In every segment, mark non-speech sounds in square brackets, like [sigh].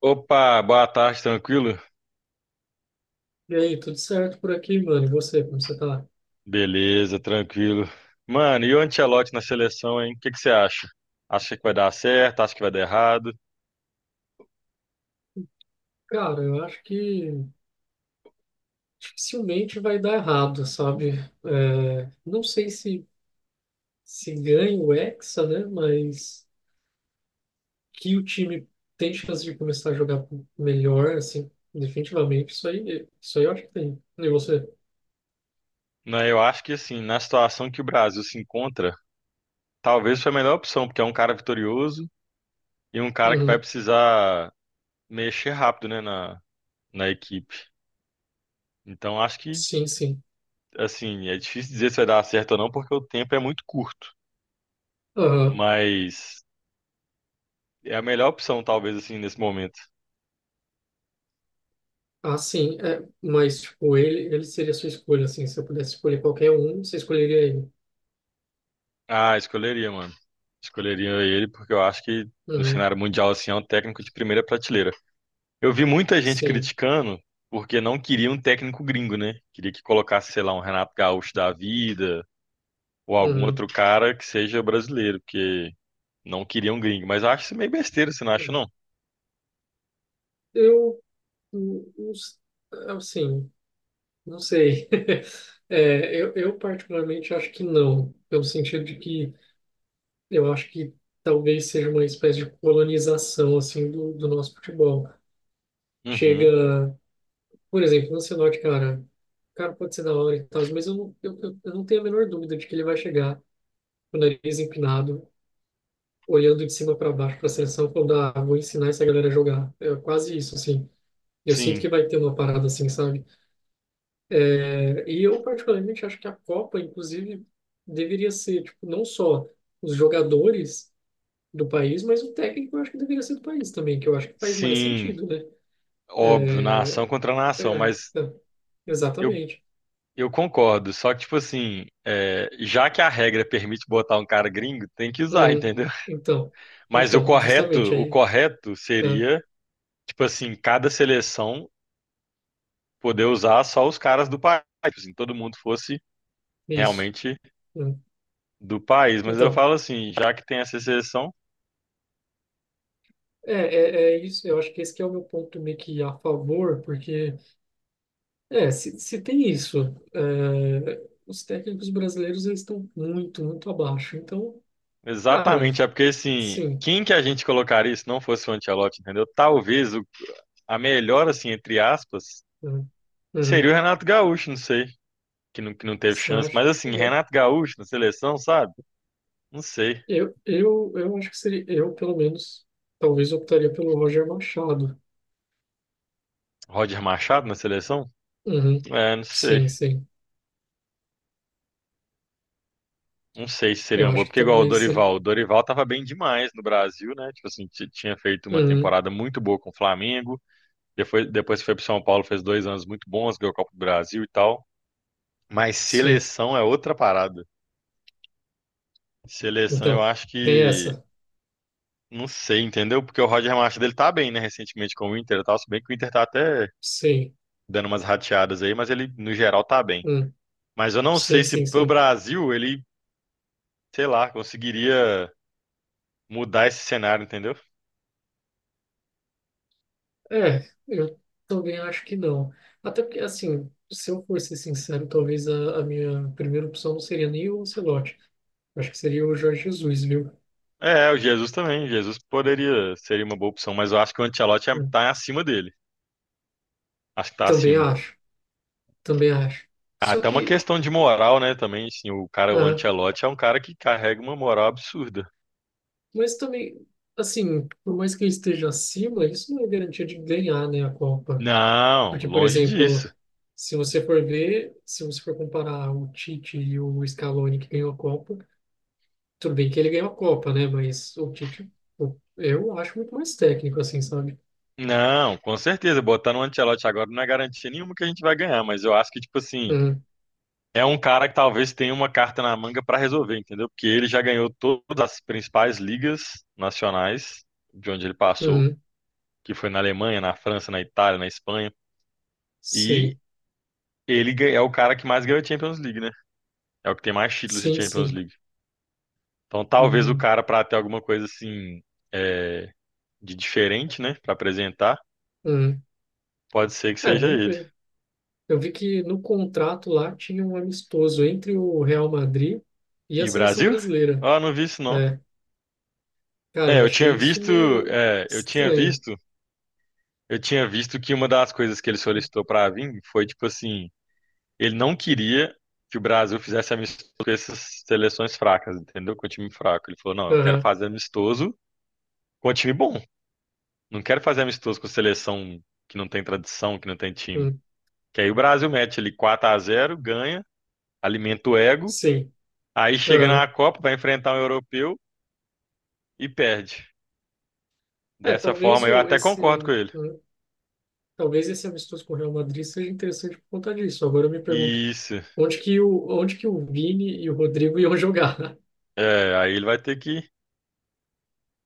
Opa, boa tarde, tranquilo? E aí, tudo certo por aqui, mano? E você, como você tá? Beleza, tranquilo. Mano, e o Ancelotti na seleção, hein? O que você acha? Acha que vai dar certo? Acha que vai dar errado? Cara, eu acho que dificilmente vai dar errado, sabe? É, não sei se ganha o Hexa, né? Mas que o time tem chance de começar a jogar melhor, assim, definitivamente, isso aí eu acho que tem. E você? Não, eu acho que assim, na situação que o Brasil se encontra, talvez foi a melhor opção, porque é um cara vitorioso e um cara que vai Uhum. precisar mexer rápido, né, na equipe. Então acho que, Sim, sim. assim, é difícil dizer se vai dar certo ou não, porque o tempo é muito curto. Aham. Mas é a melhor opção, talvez, assim, nesse momento. Ah, sim. É, mas, tipo, ele seria a sua escolha, assim. Se eu pudesse escolher qualquer um, você escolheria ele. Ah, escolheria, mano. Escolheria ele porque eu acho que no Uhum. cenário mundial assim é um técnico de primeira prateleira. Eu vi muita gente Sim. criticando porque não queria um técnico gringo, né? Queria que colocasse, sei lá, um Renato Gaúcho da vida ou algum Uhum. outro cara que seja brasileiro, porque não queria um gringo. Mas eu acho isso meio besteira, você não acha, não? Eu não s- Assim, não sei. [laughs] É, eu particularmente acho que não, pelo sentido de que eu acho que talvez seja uma espécie de colonização assim do nosso futebol. Uhum. Chega, por exemplo, no Ancelotti, cara, o cara pode ser da hora e tal, mas eu não tenho a menor dúvida de que ele vai chegar com o nariz empinado, olhando de cima para baixo para a seleção, falando, ah, vou ensinar essa galera a jogar. É quase isso, assim. Eu sinto Sim, que vai ter uma parada assim, sabe? É, e eu particularmente acho que a Copa, inclusive, deveria ser, tipo, não só os jogadores do país, mas o técnico eu acho que deveria ser do país também, que eu acho que faz mais sim, sentido, né? óbvio, nação É, contra nação, é, mas é, eu, exatamente. eu concordo. Só que, tipo assim, é, já que a regra permite botar um cara gringo, tem que usar, Uhum. entendeu? Então, Mas então, justamente o aí, correto né? seria, tipo assim, cada seleção poder usar só os caras do país, assim, todo mundo fosse Isso. realmente Uhum. do país. Mas eu Então, falo assim, já que tem essa seleção, é isso. Eu acho que esse que é o meu ponto meio que a favor, porque é, se tem isso, é, os técnicos brasileiros eles estão muito, muito abaixo. Então, cara, exatamente, é porque assim, sim, quem que a gente colocaria se não fosse o Ancelotti, entendeu? A melhor, assim, entre aspas, né? seria Uhum. o Renato Gaúcho, não sei, que não teve Você chance. acha? Mas assim, Eu, Renato Gaúcho na seleção, sabe? Não sei. eu, eu, eu acho que seria, eu pelo menos, talvez optaria pelo Roger Machado. Roger Machado na seleção? Uhum. É, não sei. Sim, sim. Não sei se seria Eu uma acho boa, que porque igual talvez seja. O Dorival tava bem demais no Brasil, né? Tipo assim, tinha feito uma Uhum. temporada muito boa com o Flamengo, depois que foi pro São Paulo, fez dois anos muito bons, ganhou a Copa do Brasil e tal. Mas Sim. seleção é outra parada. Seleção eu Então, acho tem que, essa. não sei, entendeu? Porque o Roger Machado ele tá bem, né? Recentemente com o Inter e tal, se bem que o Inter tá até Sim. dando umas rateadas aí, mas ele no geral tá bem. Hum. Mas eu não Sim, sei se sim, pro sim. Brasil ele, sei lá, conseguiria mudar esse cenário, entendeu? É, eu também acho que não. Até porque, assim, se eu for ser sincero, talvez a minha primeira opção não seria nem o Ancelotti. Eu acho que seria o Jorge Jesus, viu? É, o Jesus também. Jesus poderia seria uma boa opção, mas eu acho que Hum, tá acima dele. Acho que tá Também acima. acho, também acho. Ah, Só até uma que, questão de moral, né, também, assim, o cara, o ah, Ancelotti é um cara que carrega uma moral absurda. mas também, assim, por mais que ele esteja acima, isso não é garantia de ganhar, né, a Copa. Não, Porque, por longe exemplo, disso. se você for ver, se você for comparar o Tite e o Scaloni que ganhou a Copa, tudo bem que ele ganhou a Copa, né? Mas o Tite, eu acho muito mais técnico, assim, sabe? Não, com certeza, botar no Ancelotti agora não é garantia nenhuma que a gente vai ganhar, mas eu acho que, tipo assim, Uhum, é um cara que talvez tenha uma carta na manga pra resolver, entendeu? Porque ele já ganhou todas as principais ligas nacionais de onde ele passou, uhum, que foi na Alemanha, na França, na Itália, na Espanha. E sim, é o cara que mais ganhou Champions League, né? É o que tem mais títulos de sim, Champions sim. League. Então, talvez o Uhum, cara, para ter alguma coisa assim, é, de diferente, né, para apresentar, uhum. pode ser que É, seja vamos ele. ver. Eu vi que no contrato lá tinha um amistoso entre o Real Madrid e a E seleção Brasil? brasileira. Ah, não vi isso não. É, cara, É, eu achei isso meio é, eu tinha estranho. visto, eu tinha visto que uma das coisas que ele solicitou pra vir foi tipo assim, ele não queria que o Brasil fizesse amistoso com essas seleções fracas, entendeu? Com o time fraco. Ele falou, não, eu quero Aham, fazer amistoso com o time bom. Não quero fazer amistoso com seleção que não tem tradição, que não tem time. uhum, Que aí o Brasil mete ali quatro a zero, ganha, alimenta o ego, sim. aí chega na Aham. Copa, vai enfrentar um europeu e perde. É, Dessa talvez forma, eu o, até concordo com esse, ele. uhum, talvez esse amistoso com o Real Madrid seja interessante por conta disso. Agora eu me pergunto Isso. onde que o Vini e o Rodrigo iam jogar. [laughs] É, aí ele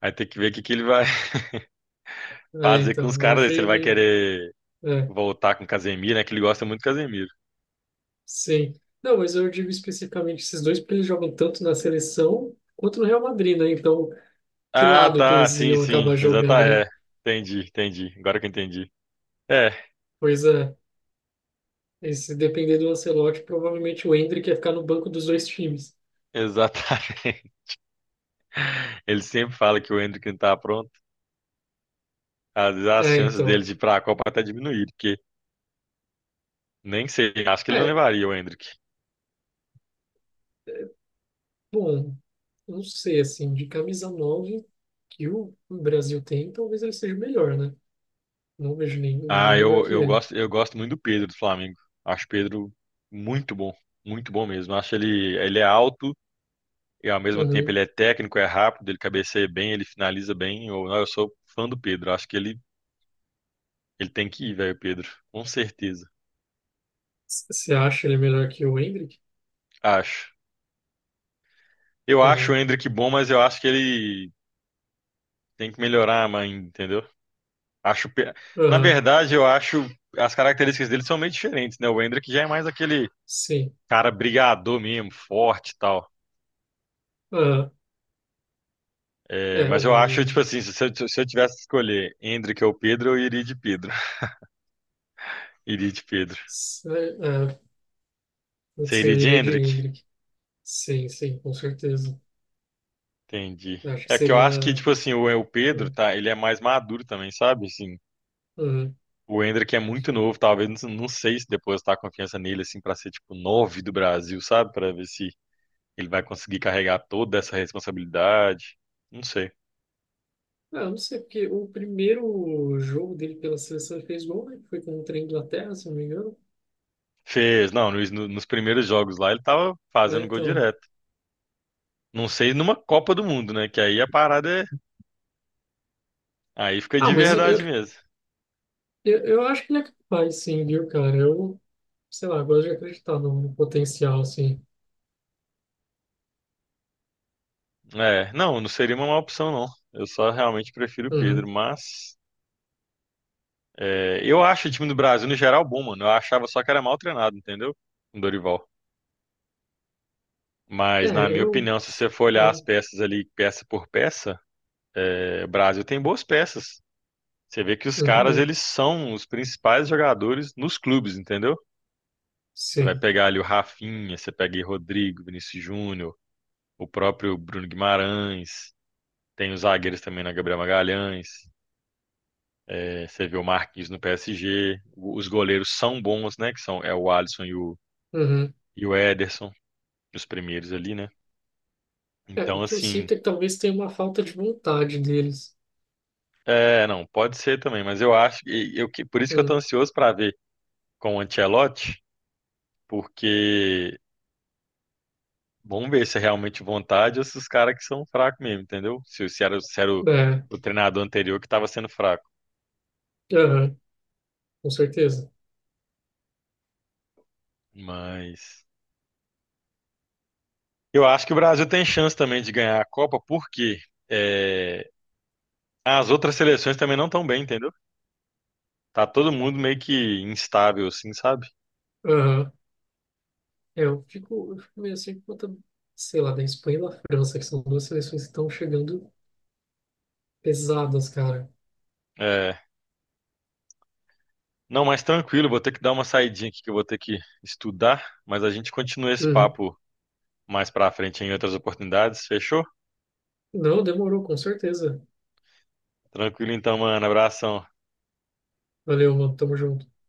vai ter que ver que ele vai [laughs] É, fazer com os então, eu caras, aí, se ele achei vai meio. querer É, voltar com o Casemiro, né? Que ele gosta muito do Casemiro. sim. Não, mas eu digo especificamente esses dois, porque eles jogam tanto na seleção quanto no Real Madrid, né? Então, que Ah, lado que tá, eles sim, iam sim, acabar jogando, né? exatamente. É, entendi. Agora que eu entendi. É, Pois é, e se depender do Ancelotti, provavelmente o Endrick ia ficar no banco dos dois times. exatamente. [laughs] Ele sempre fala que o Endrick não tá pronto. Às vezes as É, chances dele então. de ir para a Copa até diminuíram, porque nem sei, acho que ele não É, levaria o Endrick. bom, eu não sei, assim, de camisa 9 que o Brasil tem, talvez ele seja o melhor, né? Não vejo ninguém Ah, melhor que ele. Eu gosto muito do Pedro do Flamengo. Acho o Pedro muito bom, muito bom mesmo. Acho ele, ele é alto e ao mesmo tempo ele Uhum. é técnico, é rápido, ele cabeceia bem, ele finaliza bem. Eu, não, eu sou fã do Pedro. Acho que ele tem que ir, velho, Pedro. Com certeza. Você acha ele melhor que o Hendrick? Acho. Eu acho o Uhum. Endrick bom, mas eu acho que ele tem que melhorar, mãe, entendeu? Acho, pe- Na Aham, verdade, eu acho as características dele são meio diferentes, né? O Hendrick já é mais aquele sim. cara brigador mesmo, forte e tal. Aham. É, É, o. mas eu acho, tipo assim, se eu tivesse que escolher Hendrick ou Pedro, eu iria de Pedro. [laughs] Iria de Pedro. se- É, Você putz, iria eu de iria de Hendrick? Hendrick. Sim, sim, com certeza. Entendi. Eu acho que É que eu seria. acho que, tipo assim, o Pedro, Uhum. tá? Ele é mais maduro também, sabe? Assim, Uhum. o Hendrick é muito novo, talvez, não, não sei se depois depositar a confiança nele, assim, pra ser, tipo, nove do Brasil, sabe? Pra ver se ele vai conseguir carregar toda essa responsabilidade. Não sei. Ah, eu não sei, porque o primeiro jogo dele pela seleção ele fez gol, né? Foi contra a Inglaterra, se não me engano. Fez, não, nos primeiros jogos lá ele tava É, fazendo gol então. direto. Não sei numa Copa do Mundo, né? Que aí a parada é. Aí fica Ah, de mas eu, verdade mesmo. eu, eu acho que ele é capaz, sim, viu, cara? Eu, sei lá, gosto de acreditar no potencial, assim. É, não, não seria uma má opção, não. Eu só realmente prefiro o Pedro, Uhum. mas. É, eu acho o time do Brasil, no geral, bom, mano. Eu achava só que era mal treinado, entendeu? O Dorival. Mas, na É, minha eu. opinião, se você for olhar as Uhum. peças ali, peça por peça, é, o Brasil tem boas peças. Você vê que os caras, Uhum. eles são os principais jogadores nos clubes, entendeu? Você vai Sim. pegar ali o Rafinha, você pega aí Rodrigo, Vinícius Júnior, o próprio Bruno Guimarães, tem os zagueiros também na Gabriel Magalhães, é, você vê o Marquinhos no PSG, os goleiros são bons, né? Que são é o Alisson e Uhum. e o Ederson, os primeiros ali, né? É, o Então, que eu assim, sinto é que talvez tenha uma falta de vontade deles. é, não, pode ser também, mas eu acho que por isso que eu tô Hum. ansioso para ver com o Ancelotti, porque vamos ver se é realmente vontade ou se os caras que são fracos mesmo, entendeu? Se era É, o treinador anterior que estava sendo fraco. aham, com certeza. Mas eu acho que o Brasil tem chance também de ganhar a Copa, porque é, as outras seleções também não estão bem, entendeu? Tá todo mundo meio que instável, assim, sabe? Aham. É, eu fico meio assim por conta, sei lá, da Espanha e da França, que são duas seleções que estão chegando pesadas, cara. É, não, mas tranquilo, vou ter que dar uma saidinha aqui que eu vou ter que estudar, mas a gente continua esse Uhum. papo mais pra frente em outras oportunidades, fechou? Não, demorou, com certeza. Tranquilo então, mano, abração. Valeu, mano. Tamo junto.